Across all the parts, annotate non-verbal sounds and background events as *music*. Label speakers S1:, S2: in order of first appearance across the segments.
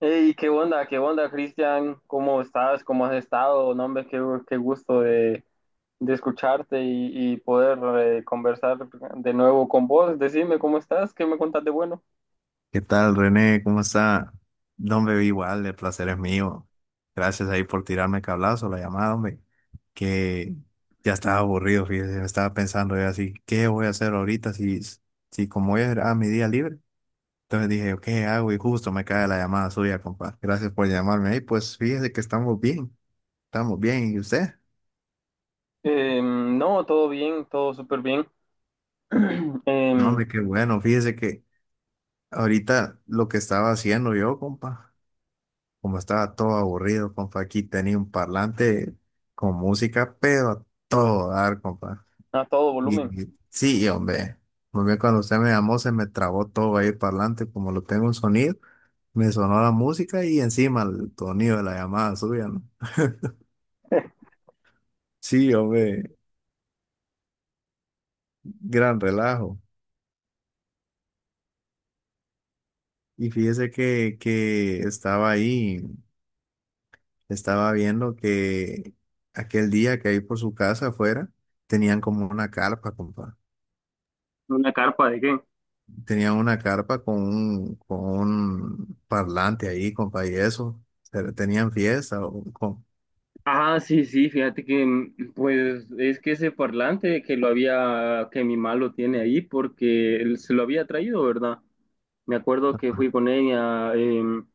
S1: Hey, ¿qué onda? ¿Qué onda, Cristian? ¿Cómo estás? ¿Cómo has estado? No, hombre, qué gusto de escucharte y poder conversar de nuevo con vos. Decime, ¿cómo estás? ¿Qué me contás de bueno?
S2: ¿Qué tal, René? ¿Cómo está? No, hombre, igual, el placer es mío. Gracias ahí por tirarme el cablazo, la llamada, hombre. Que ya estaba aburrido, fíjese, me estaba pensando yo así, ¿qué voy a hacer ahorita si como hoy era mi día libre? Entonces dije, ¿qué hago? Y justo me cae la llamada suya, compa. Gracias por llamarme ahí. Pues fíjese que estamos bien, estamos bien. ¿Y usted?
S1: No, todo bien, todo súper bien. *clears throat*
S2: No,
S1: Em,
S2: hombre, qué bueno. Fíjese que ahorita lo que estaba haciendo yo, compa. Como estaba todo aburrido, compa, aquí tenía un parlante con música, pero a todo dar, compa.
S1: a todo volumen.
S2: Sí, hombre, hombre, cuando usted me llamó se me trabó todo ahí el parlante, como lo tengo un sonido, me sonó la música y encima el sonido de la llamada suya, ¿no?
S1: *laughs*
S2: Sí, hombre, gran relajo. Y fíjese que estaba ahí, estaba viendo que aquel día que ahí por su casa afuera tenían como una carpa, compa.
S1: ¿Una carpa de qué?
S2: Tenía una carpa con un parlante ahí, compa, y eso. Pero ¿tenían fiesta? O con-
S1: Ah, sí, sí, fíjate que pues es que ese parlante que lo había, que mi malo tiene ahí porque él se lo había traído, ¿verdad? Me acuerdo que fui con ella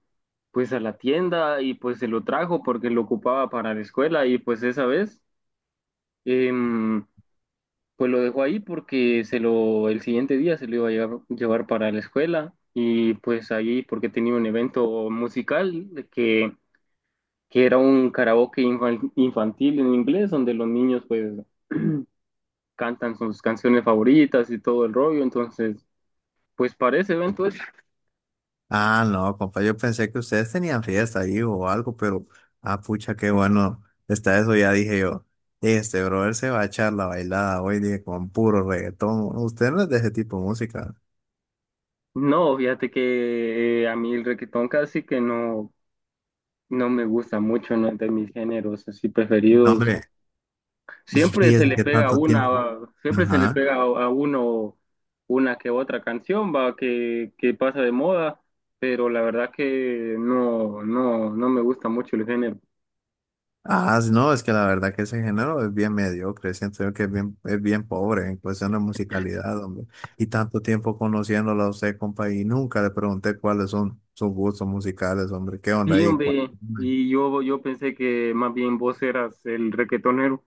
S1: pues a la tienda y pues se lo trajo porque lo ocupaba para la escuela y pues esa vez em, pues lo dejó ahí porque se lo el siguiente día se lo iba a llevar, llevar para la escuela y pues ahí porque tenía un evento musical de que era un karaoke infantil en inglés donde los niños pues cantan sus canciones favoritas y todo el rollo entonces pues para ese evento es.
S2: ah, no, compa, yo pensé que ustedes tenían fiesta ahí o algo, pero, ah, pucha, qué bueno está eso, ya dije yo. Este brother se va a echar la bailada hoy, dije, con puro reggaetón. Usted no es de ese tipo de música.
S1: No, fíjate que a mí el requetón casi que no me gusta mucho, no es de mis géneros así
S2: No,
S1: preferidos.
S2: hombre, y
S1: Siempre se
S2: fíjese
S1: le
S2: que
S1: pega
S2: tanto
S1: una,
S2: tiempo.
S1: siempre se le
S2: Ajá.
S1: pega a uno una que otra canción, va, que pasa de moda, pero la verdad que no, no, no me gusta mucho el género.
S2: Ah, sí, no, es que la verdad que ese género es bien mediocre, siento yo que es bien pobre en cuestión de musicalidad, hombre. Y tanto tiempo conociéndolo a usted, compa, y nunca le pregunté cuáles son sus gustos musicales, hombre, qué onda
S1: Sí,
S2: ahí. ¿Cuál-
S1: hombre, y yo pensé que más bien vos eras el requetonero.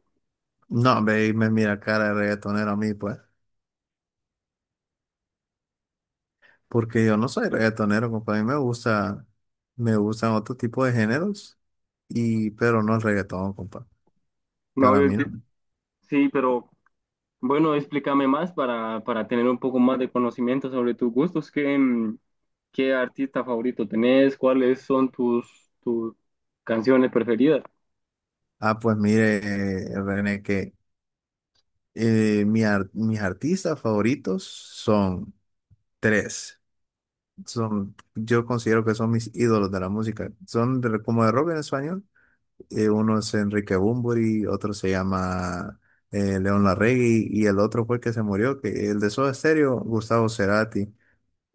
S2: no, hombre, y me mira cara de reggaetonero a mí, pues, porque yo no soy reggaetonero, compa, a mí me gusta, me gustan otro tipo de géneros, y, pero no el reggaetón, compa,
S1: No,
S2: para mí no.
S1: sí, pero... Bueno, explícame más para tener un poco más de conocimiento sobre tus gustos. ¿Qué, qué artista favorito tenés? ¿Cuáles son tus canciones preferidas?
S2: Ah, pues mire, René, que... mis artistas favoritos son tres. Son, yo considero que son mis ídolos de la música. Son de- como de rock en español. Uno es Enrique Bunbury, otro se llama León Larregui y el otro fue el que se murió, que el de Soda Stereo, Gustavo Cerati.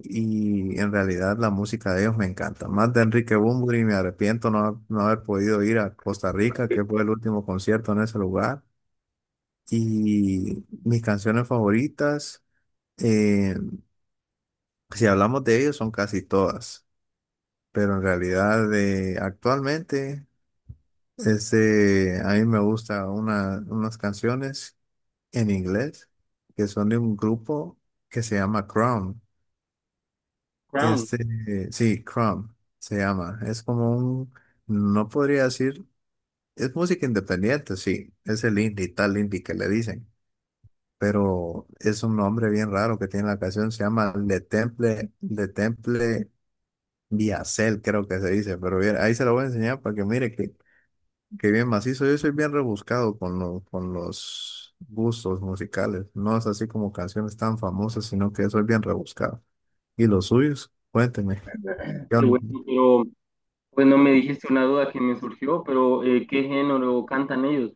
S2: Y en realidad la música de ellos me encanta. Más de Enrique Bunbury, me arrepiento no, no haber podido ir a Costa Rica, que fue el último concierto en ese lugar. Y mis canciones favoritas. Eh, si hablamos de ellos, son casi todas, pero en realidad de actualmente este, a mí me gusta una, unas canciones en inglés que son de un grupo que se llama Crown.
S1: Crown,
S2: Este, sí, Crown se llama. Es como un, no podría decir, es música independiente, sí, es el indie, tal indie que le dicen. Pero es un nombre bien raro que tiene la canción, se llama Le Temple, Le Temple Viacel creo que se dice, pero bien, ahí se lo voy a enseñar para que mire que bien macizo. Yo soy bien rebuscado con, lo- con los gustos musicales. No es así como canciones tan famosas, sino que soy bien rebuscado. ¿Y los suyos? Cuénteme. ¿Qué
S1: qué bueno,
S2: onda?
S1: pero bueno, me dijiste una duda que me surgió, pero ¿qué género cantan ellos?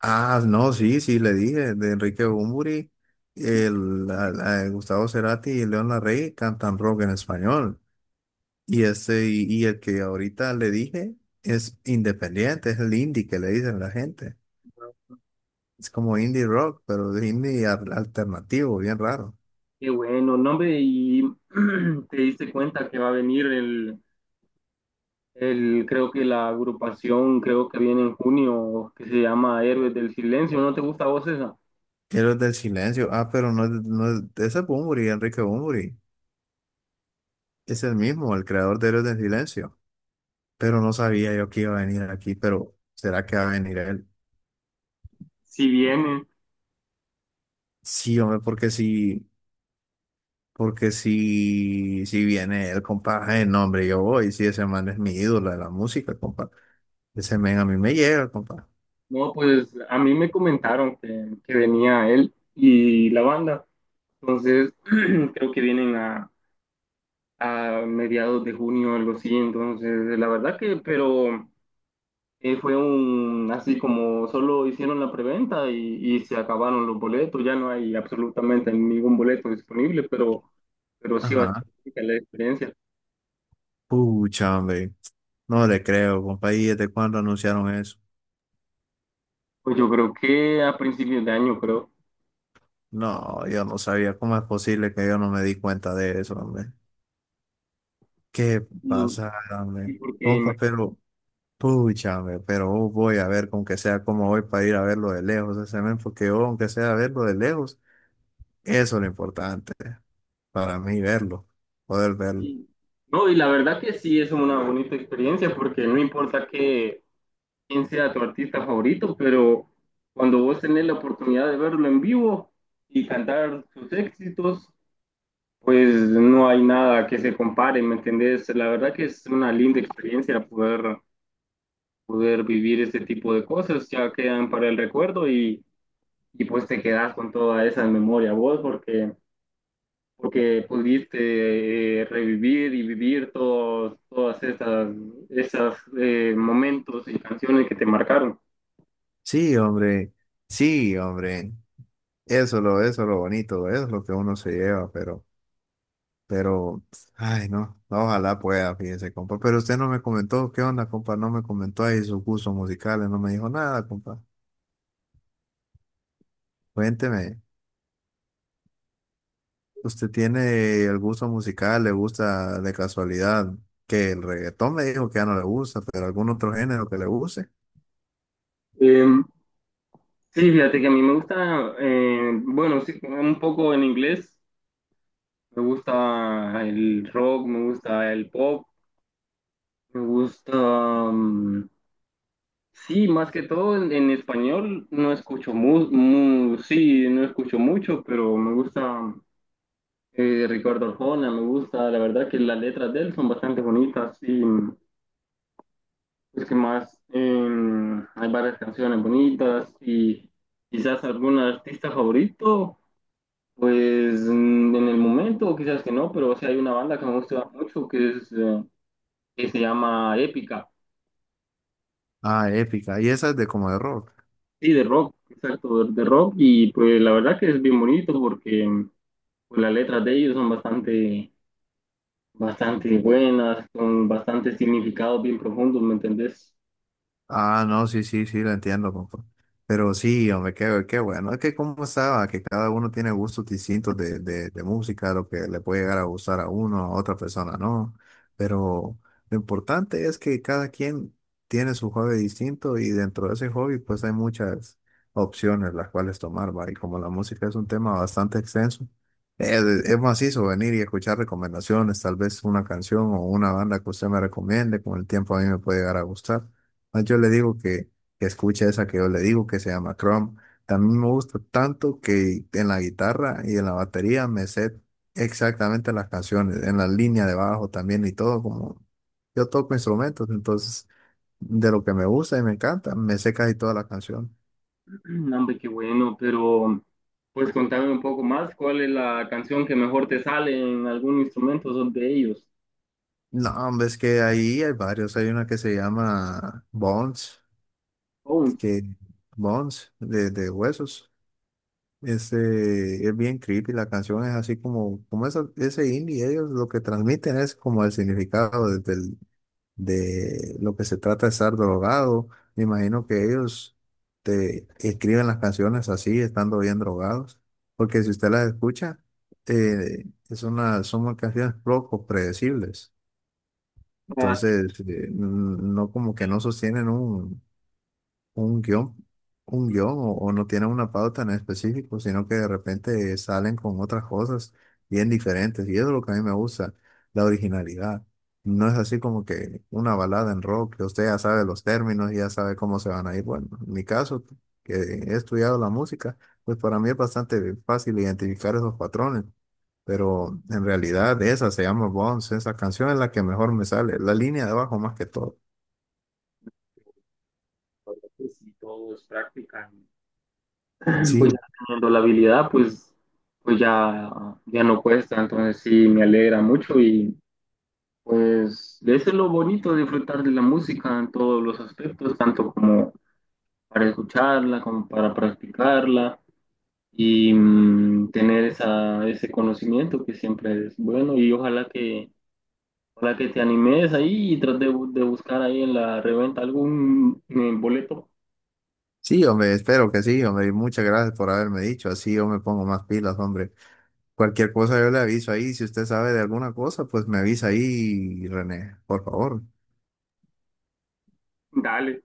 S2: Ah, no, sí, sí, le dije, de Enrique Bunbury, el, la- la- Gustavo Cerati y León Larrey cantan rock en español. Y, este, y el que ahorita le dije es independiente, es el indie que le dicen la gente. Es como indie rock, pero de indie al- alternativo, bien raro.
S1: Qué bueno, nombre, y *clears throat* te diste cuenta que va a venir creo que la agrupación, creo que viene en junio, que se llama Héroes del Silencio, ¿no te gusta a vos esa?
S2: Héroes del Silencio. Ah, pero no, es- no es- ese es Bunbury, Enrique Bunbury. Es el mismo, el creador de Héroes del Silencio. Pero no sabía yo que iba a venir aquí, pero ¿será que va a venir él?
S1: Si viene.
S2: Sí, hombre, porque si, si viene él, compa, el nombre yo voy. Si ese man es mi ídolo de la música, compa. Ese man a mí me llega, compa.
S1: No, pues a mí me comentaron que venía él y la banda. Entonces, *clears throat* creo que vienen a mediados de junio, algo así. Entonces, la verdad que, pero fue un, así como solo hicieron la preventa y se acabaron los boletos. Ya no hay absolutamente ningún boleto disponible, pero sí va a
S2: Ajá.
S1: ser rica la experiencia.
S2: Pucha, hombre. No le creo, compa. ¿Y desde cuándo anunciaron eso?
S1: Pues yo creo que a principios de año, creo.
S2: No, yo no sabía cómo es posible que yo no me di cuenta de eso, hombre. ¿Qué
S1: Y,
S2: pasa,
S1: y
S2: hombre?
S1: porque
S2: Compa, pero, pucha, hombre, pero oh, voy a ver con que sea como voy para ir a verlo de lejos ese men, porque yo, aunque sea verlo de lejos, eso es lo importante para mí, verlo, poder verlo.
S1: Y- No, y la verdad que sí es una bonita experiencia porque no importa quién sea tu artista favorito, pero cuando vos tenés la oportunidad de verlo en vivo y cantar sus éxitos, pues no hay nada que se compare, ¿me entendés? La verdad que es una linda experiencia poder, poder vivir este tipo de cosas, ya quedan para el recuerdo y pues te quedás con toda esa memoria vos porque... porque pudiste revivir y vivir todos todas esas momentos y canciones que te marcaron.
S2: Sí, hombre, sí, hombre, eso es lo bonito, eso es lo que uno se lleva, pero. Pero, ay, no, no, ojalá pueda, fíjese, compa. Pero usted no me comentó, ¿qué onda, compa? No me comentó ahí sus gustos musicales, no me dijo nada, compa. Cuénteme, ¿usted tiene el gusto musical? ¿Le gusta de casualidad? Que el reggaetón me dijo que ya no le gusta, pero algún otro género que le guste.
S1: Eh, sí, fíjate que a mí me gusta, bueno, sí, un poco en inglés, me gusta el rock, me gusta el pop, me gusta, mm, sí, más que todo en español no escucho sí, no escucho mucho, pero me gusta. Ricardo Arjona, me gusta, la verdad que las letras de él son bastante bonitas y pues que más hay varias canciones bonitas y quizás algún artista favorito, pues en el momento quizás que no, pero sí hay una banda que me gusta mucho que es que se llama Épica,
S2: Ah, épica. ¿Y esa es de como de rock?
S1: sí, de rock, exacto, de rock y pues la verdad que es bien bonito porque pues, las letras de ellos son bastante buenas, con bastante significado bien profundo, ¿me entendés?
S2: Ah, no, sí, sí, sí, lo entiendo, compa. Pero sí, hombre, qué, qué bueno. Es que como estaba, que cada uno tiene gustos distintos de música, lo que le puede llegar a gustar a uno, a otra persona, no. Pero lo importante es que cada quien tiene su hobby distinto y dentro de ese hobby pues hay muchas opciones las cuales tomar, va. Y como la música es un tema bastante extenso, es macizo venir y escuchar recomendaciones, tal vez una canción o una banda que usted me recomiende, con el tiempo a mí me puede llegar a gustar. Ah, yo le digo que escuche esa que yo le digo que se llama Chrome. También me gusta tanto que en la guitarra y en la batería me sé exactamente las canciones, en la línea de bajo también y todo, como yo toco instrumentos, entonces de lo que me gusta y me encanta, me sé casi toda la canción.
S1: *clears throat* No, hombre, qué bueno, pero pues contame un poco más, ¿cuál es la canción que mejor te sale en algún instrumento? Son de ellos.
S2: No, hombre, es que ahí hay varios, hay una que se llama Bones,
S1: Bones.
S2: que Bones de huesos. Este, es bien creepy, la canción es así como, como eso- ese indie, ellos lo que transmiten es como el significado de, del- de lo que se trata de estar drogado. Me imagino que ellos te escriben las canciones así, estando bien drogados, porque si usted las escucha, eh, es una, son canciones poco predecibles.
S1: Así
S2: Entonces, no como que no sostienen un guión, un guión o no tienen una pauta en específico, sino que de repente salen con otras cosas bien diferentes. Y eso es lo que a mí me gusta, la originalidad. No es así como que una balada en rock, que usted ya sabe los términos, ya sabe cómo se van a ir. Bueno, en mi caso, que he estudiado la música, pues para mí es bastante fácil identificar esos patrones. Pero en realidad esa se llama Bones, esa canción es la que mejor me sale, la línea de abajo más que todo.
S1: que si todos practican. *clears throat* Pues ya
S2: Sí,
S1: teniendo la habilidad, pues, pues ya, ya no cuesta, entonces sí, me alegra mucho y pues eso es lo bonito, disfrutar de la música en todos los aspectos, tanto como para escucharla, como para practicarla. Y tener ese conocimiento que siempre es bueno y ojalá ojalá que te animes ahí y trates de, de buscar ahí en la reventa algún boleto.
S2: sí, hombre, espero que sí, hombre, y muchas gracias por haberme dicho, así yo me pongo más pilas, hombre. Cualquier cosa yo le aviso ahí, si usted sabe de alguna cosa, pues me avisa ahí, René, por favor.
S1: Dale.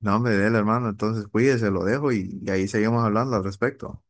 S2: No, hombre, dele, hermano, entonces cuídese, lo dejo y ahí seguimos hablando al respecto.